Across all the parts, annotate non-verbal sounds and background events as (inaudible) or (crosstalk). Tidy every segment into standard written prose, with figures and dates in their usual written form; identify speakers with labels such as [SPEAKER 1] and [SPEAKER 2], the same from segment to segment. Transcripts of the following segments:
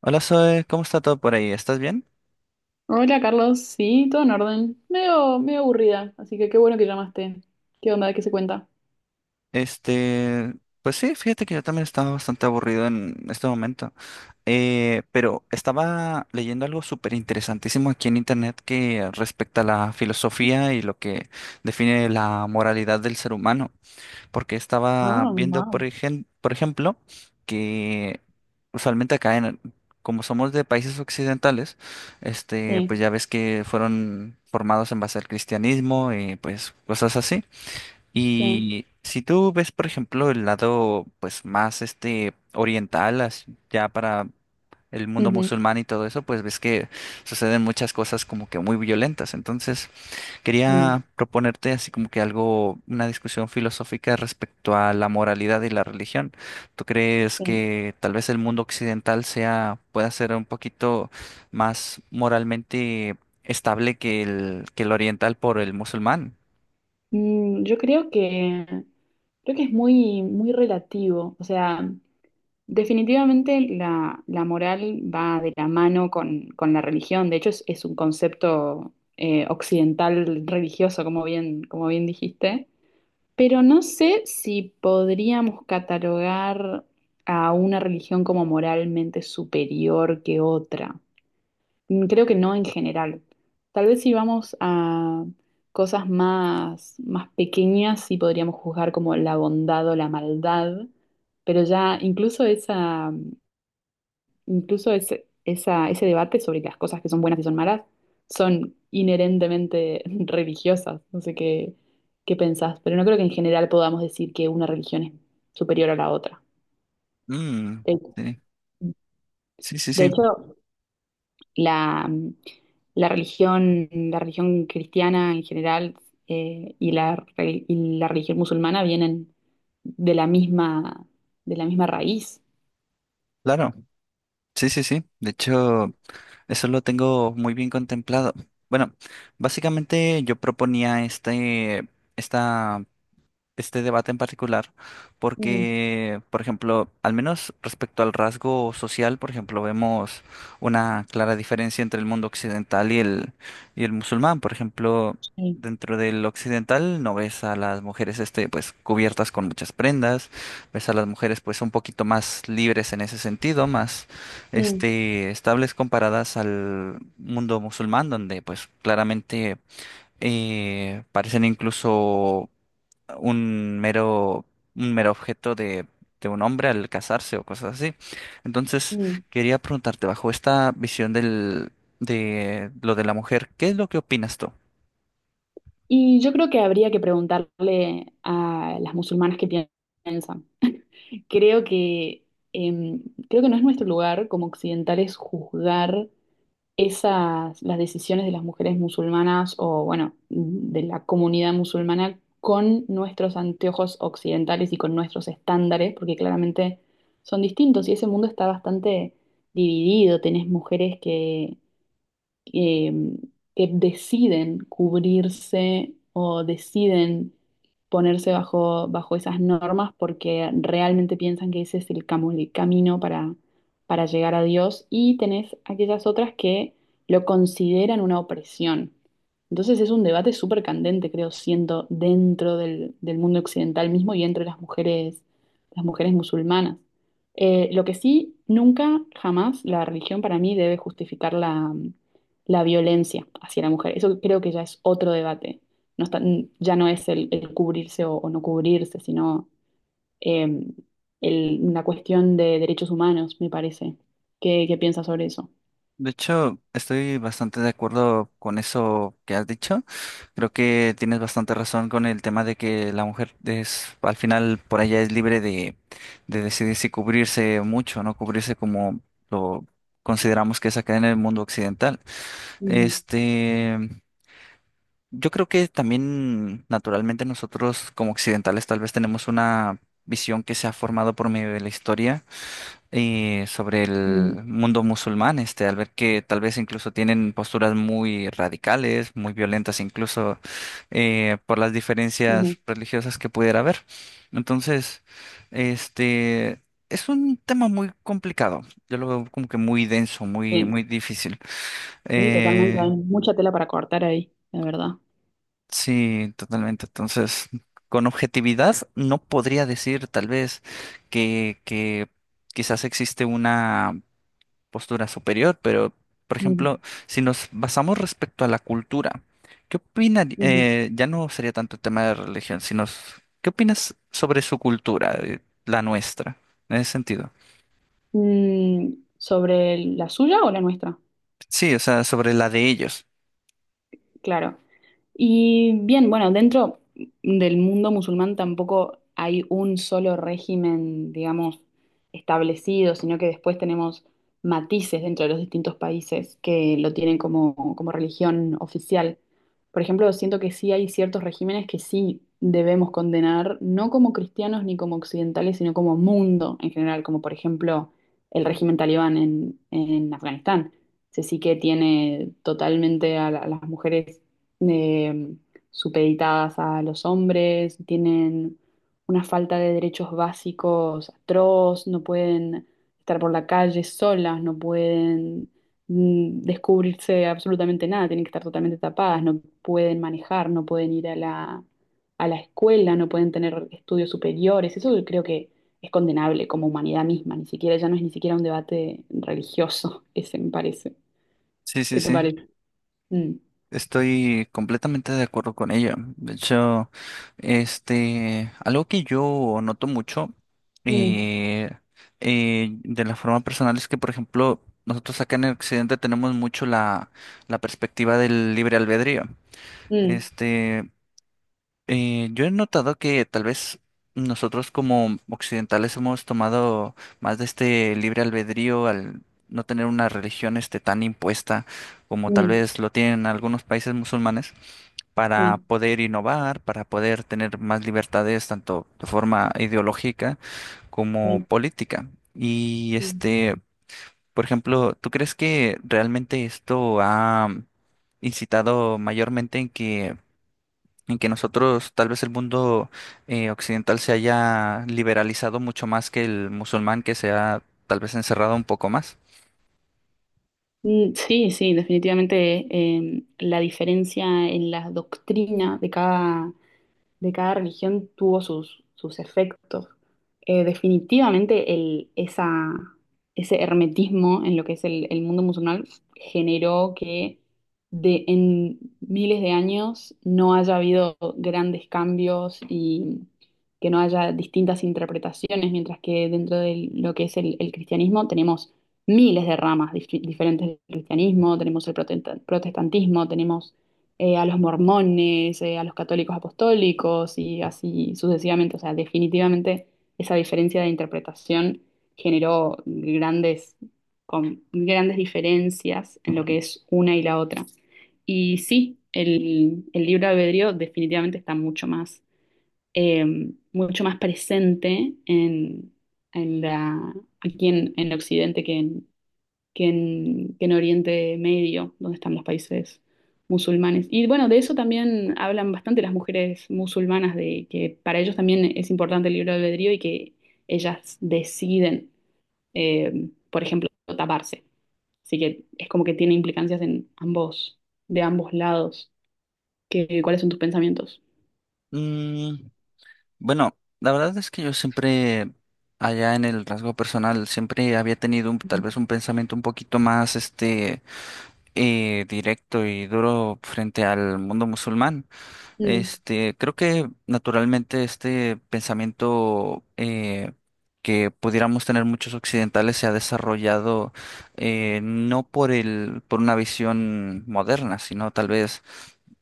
[SPEAKER 1] Hola Zoe, ¿cómo está todo por ahí? ¿Estás bien?
[SPEAKER 2] Hola Carlos, sí, todo en orden. Medio, medio aburrida, así que qué bueno que llamaste. ¿Qué onda? ¿Qué se cuenta?
[SPEAKER 1] Este, pues sí, fíjate que yo también estaba bastante aburrido en este momento. Pero estaba leyendo algo súper interesantísimo aquí en internet que respecta a la filosofía y lo que define la moralidad del ser humano. Porque estaba
[SPEAKER 2] Ah,
[SPEAKER 1] viendo,
[SPEAKER 2] wow.
[SPEAKER 1] por ejemplo, que usualmente acá en, como somos de países occidentales,
[SPEAKER 2] Sí,
[SPEAKER 1] pues ya ves que fueron formados en base al cristianismo y pues cosas así.
[SPEAKER 2] sí.
[SPEAKER 1] Y si tú ves, por ejemplo, el lado pues más oriental, ya para el mundo
[SPEAKER 2] Ujú.
[SPEAKER 1] musulmán y todo eso, pues ves que suceden muchas cosas como que muy violentas. Entonces,
[SPEAKER 2] Mm.
[SPEAKER 1] quería proponerte así como que algo, una discusión filosófica respecto a la moralidad y la religión. ¿Tú crees
[SPEAKER 2] Sí.
[SPEAKER 1] que tal vez el mundo occidental sea, pueda ser un poquito más moralmente estable que el oriental por el musulmán?
[SPEAKER 2] Yo creo que es muy, muy relativo. O sea, definitivamente la moral va de la mano con la religión. De hecho, es un concepto occidental religioso, como bien dijiste. Pero no sé si podríamos catalogar a una religión como moralmente superior que otra. Creo que no en general. Tal vez si vamos a cosas más, más pequeñas, sí podríamos juzgar como la bondad o la maldad, pero ya incluso esa, Incluso ese, esa- ese debate sobre las cosas que son buenas y son malas son inherentemente (laughs) religiosas. No sé qué pensás, pero no creo que en general podamos decir que una religión es superior a la otra.
[SPEAKER 1] Mm,
[SPEAKER 2] De,
[SPEAKER 1] sí, sí, sí,
[SPEAKER 2] de
[SPEAKER 1] sí,
[SPEAKER 2] hecho, la, mm, la religión cristiana en general, y y la religión musulmana vienen de la misma, de la misma raíz.
[SPEAKER 1] claro. Sí, sí, sí. De hecho, eso lo tengo muy bien contemplado. Bueno, básicamente yo proponía esta debate en particular,
[SPEAKER 2] Mm,
[SPEAKER 1] porque, por ejemplo, al menos respecto al rasgo social, por ejemplo, vemos una clara diferencia entre el mundo occidental y el musulmán. Por ejemplo,
[SPEAKER 2] sí.
[SPEAKER 1] dentro del occidental no ves a las mujeres pues, cubiertas con muchas prendas, ves a las mujeres pues un poquito más libres en ese sentido, más
[SPEAKER 2] Mm,
[SPEAKER 1] estables comparadas al mundo musulmán, donde pues claramente parecen incluso un mero, un mero objeto de un hombre al casarse o cosas así. Entonces,
[SPEAKER 2] mm.
[SPEAKER 1] quería preguntarte, bajo esta visión del, de lo de la mujer, ¿qué es lo que opinas tú?
[SPEAKER 2] Y yo creo que habría que preguntarle a las musulmanas qué piensan. Creo que, em, creo que no es nuestro lugar como occidentales juzgar las decisiones de las mujeres musulmanas o, bueno, de la comunidad musulmana con nuestros anteojos occidentales y con nuestros estándares, porque claramente son distintos y ese mundo está bastante dividido. Tenés mujeres eh, que deciden cubrirse o deciden ponerse bajo esas normas porque realmente piensan que ese es el camino para llegar a Dios y tenés aquellas otras que lo consideran una opresión. Entonces es un debate súper candente, creo, siendo dentro del mundo occidental mismo y entre las mujeres musulmanas. Lo que sí, nunca, jamás la religión para mí debe justificar la violencia hacia la mujer. Eso creo que ya es otro debate. No está- ya no es el cubrirse o, no cubrirse, sino eh, una cuestión de derechos humanos, me parece. ¿Qué piensas sobre eso?
[SPEAKER 1] De hecho, estoy bastante de acuerdo con eso que has dicho. Creo que tienes bastante razón con el tema de que la mujer es, al final, por allá es libre de decidir si cubrirse mucho, no cubrirse como lo consideramos que es acá en el mundo occidental.
[SPEAKER 2] Ujú,
[SPEAKER 1] Este, Yo creo que también naturalmente nosotros como occidentales tal vez tenemos una visión que se ha formado por medio de la historia, sobre
[SPEAKER 2] ujú,
[SPEAKER 1] el mundo musulmán, al ver que tal vez incluso tienen posturas muy radicales, muy violentas incluso, por las
[SPEAKER 2] ujú.
[SPEAKER 1] diferencias religiosas que pudiera haber. Entonces, este es un tema muy complicado. Yo lo veo como que muy denso, muy,
[SPEAKER 2] Sí,
[SPEAKER 1] muy difícil.
[SPEAKER 2] sí, totalmente. Hay
[SPEAKER 1] Eh,
[SPEAKER 2] mucha tela para cortar ahí, la verdad.
[SPEAKER 1] Sí, totalmente. Entonces, con objetividad no podría decir tal vez que quizás existe una postura superior, pero, por
[SPEAKER 2] Ujú,
[SPEAKER 1] ejemplo, si nos basamos respecto a la cultura, ¿qué opinas?
[SPEAKER 2] ujú.
[SPEAKER 1] Ya no sería tanto el tema de religión, sino ¿qué opinas sobre su cultura, la nuestra, en ese sentido?
[SPEAKER 2] ¿Sobre la suya o la nuestra?
[SPEAKER 1] Sí, o sea, sobre la de ellos.
[SPEAKER 2] Claro. Y bien, bueno, dentro del mundo musulmán tampoco hay un solo régimen, digamos, establecido, sino que después tenemos matices dentro de los distintos países que lo tienen como religión oficial. Por ejemplo, siento que sí hay ciertos regímenes que sí debemos condenar, no como cristianos ni como occidentales, sino como mundo en general, como por ejemplo el régimen talibán en Afganistán. Ese sí que tiene totalmente a las mujeres eh, supeditadas a los hombres, tienen una falta de derechos básicos atroz, no pueden estar por la calle solas, no pueden descubrirse absolutamente nada, tienen que estar totalmente tapadas, no pueden manejar, no pueden ir a la escuela, no pueden tener estudios superiores. Eso creo que es condenable como humanidad misma, ni siquiera ya no es ni siquiera un debate religioso, (laughs) ese me parece.
[SPEAKER 1] Sí, sí,
[SPEAKER 2] ¿Qué te
[SPEAKER 1] sí.
[SPEAKER 2] parece? Mm,
[SPEAKER 1] Estoy completamente de acuerdo con ella. De hecho, algo que yo noto mucho,
[SPEAKER 2] mm,
[SPEAKER 1] eh, de la forma personal es que, por ejemplo, nosotros acá en el occidente tenemos mucho la, la perspectiva del libre albedrío.
[SPEAKER 2] mm,
[SPEAKER 1] Este, yo he notado que tal vez nosotros como occidentales hemos tomado más de este libre albedrío al no tener una religión tan impuesta como tal
[SPEAKER 2] mm.
[SPEAKER 1] vez lo tienen algunos países musulmanes para
[SPEAKER 2] Sí,
[SPEAKER 1] poder innovar, para poder tener más libertades, tanto de forma ideológica como
[SPEAKER 2] sí,
[SPEAKER 1] política. Y
[SPEAKER 2] sí.
[SPEAKER 1] por ejemplo, ¿tú crees que realmente esto ha incitado mayormente en que nosotros, tal vez el mundo occidental se haya liberalizado mucho más que el musulmán, que se ha tal vez encerrado un poco más?
[SPEAKER 2] Sí, sí, definitivamente la diferencia en la doctrina de cada religión tuvo sus efectos. Definitivamente ese hermetismo en lo que es el mundo musulmán generó que en miles de años no haya habido grandes cambios y que no haya distintas interpretaciones, mientras que dentro de lo que es el cristianismo tenemos miles de ramas diferentes del cristianismo, tenemos el protestantismo, tenemos a los mormones, a los católicos apostólicos y así sucesivamente. O sea, definitivamente esa diferencia de interpretación generó grandes diferencias en lo que es una y la otra. Y sí, el libre albedrío definitivamente está eh, mucho más presente en la, aquí en Occidente que en Oriente Medio, donde están los países musulmanes. Y bueno, de eso también hablan bastante las mujeres musulmanas, de que para ellos también es importante el libre albedrío y que ellas deciden, por ejemplo, taparse. Así que es como que tiene implicancias en ambos, de ambos lados. ¿Cuáles son tus pensamientos?
[SPEAKER 1] Mm, bueno, la verdad es que yo siempre, allá en el rasgo personal, siempre había tenido tal vez un pensamiento un poquito más, directo y duro frente al mundo musulmán.
[SPEAKER 2] Mm,
[SPEAKER 1] Creo que naturalmente este pensamiento, que pudiéramos tener muchos occidentales, se ha desarrollado, no por el, por una visión moderna, sino tal vez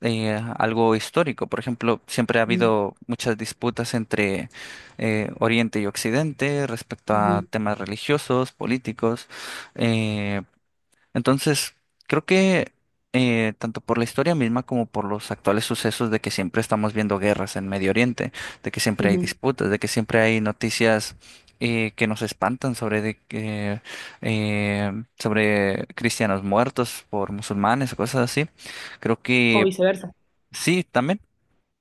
[SPEAKER 1] algo histórico. Por ejemplo, siempre ha
[SPEAKER 2] mm,
[SPEAKER 1] habido muchas disputas entre, Oriente y Occidente respecto a
[SPEAKER 2] ujú,
[SPEAKER 1] temas religiosos, políticos. Eh, entonces, creo que, tanto por la historia misma como por los actuales sucesos de que siempre estamos viendo guerras en Medio Oriente, de que siempre hay
[SPEAKER 2] ujú.
[SPEAKER 1] disputas, de que siempre hay noticias, que nos espantan sobre de que, eh, sobre cristianos muertos por musulmanes o cosas así. Creo
[SPEAKER 2] O
[SPEAKER 1] que
[SPEAKER 2] viceversa.
[SPEAKER 1] sí, también,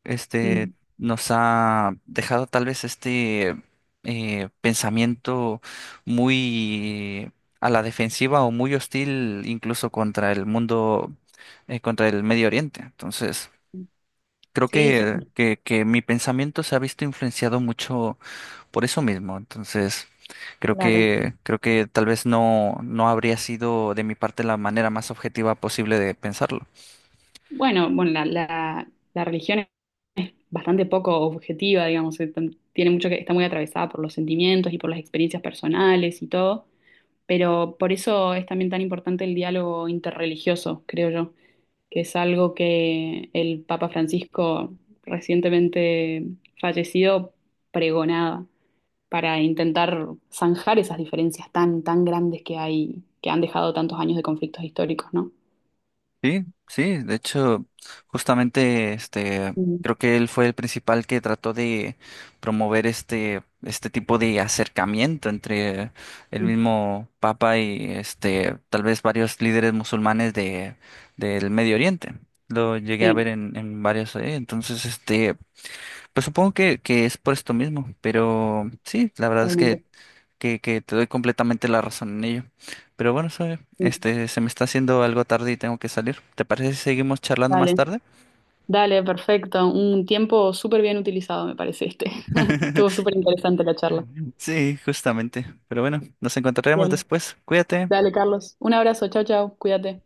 [SPEAKER 1] este,
[SPEAKER 2] Mm.
[SPEAKER 1] nos ha dejado tal vez pensamiento muy a la defensiva o muy hostil incluso contra el mundo, contra el Medio Oriente. Entonces,
[SPEAKER 2] Mm.
[SPEAKER 1] creo
[SPEAKER 2] Sí, sí,
[SPEAKER 1] que, que mi pensamiento se ha visto influenciado mucho por eso mismo. Entonces,
[SPEAKER 2] claro.
[SPEAKER 1] creo que tal vez no, no habría sido de mi parte la manera más objetiva posible de pensarlo.
[SPEAKER 2] Bueno, bueno, la religión bastante poco objetiva, digamos, tiene mucho está muy atravesada por los sentimientos y por las experiencias personales y todo, pero por eso es también tan importante el diálogo interreligioso, creo yo, que es algo que el Papa Francisco recientemente fallecido pregonaba para intentar zanjar esas diferencias tan, tan grandes que hay, que han dejado tantos años de conflictos históricos, ¿no?
[SPEAKER 1] Sí, sí, de hecho, justamente
[SPEAKER 2] Mm,
[SPEAKER 1] creo que él fue el principal que trató de promover este tipo de acercamiento entre el mismo Papa y tal vez varios líderes musulmanes de del Medio Oriente. Lo llegué a
[SPEAKER 2] Sí,
[SPEAKER 1] ver en varios, entonces pues supongo que es por esto mismo, pero sí, la verdad es
[SPEAKER 2] totalmente.
[SPEAKER 1] que, que te doy completamente la razón en ello. Pero bueno, Zoe,
[SPEAKER 2] Sí,
[SPEAKER 1] se me está haciendo algo tarde y tengo que salir. ¿Te parece si seguimos charlando más
[SPEAKER 2] dale.
[SPEAKER 1] tarde?
[SPEAKER 2] Dale, perfecto. Un tiempo súper bien utilizado, me parece este. (laughs) Estuvo
[SPEAKER 1] (laughs)
[SPEAKER 2] súper interesante la charla.
[SPEAKER 1] Sí, justamente. Pero bueno, nos encontraremos
[SPEAKER 2] Bien.
[SPEAKER 1] después. Cuídate.
[SPEAKER 2] Dale, Carlos. Un abrazo. Chao, chao. Cuídate.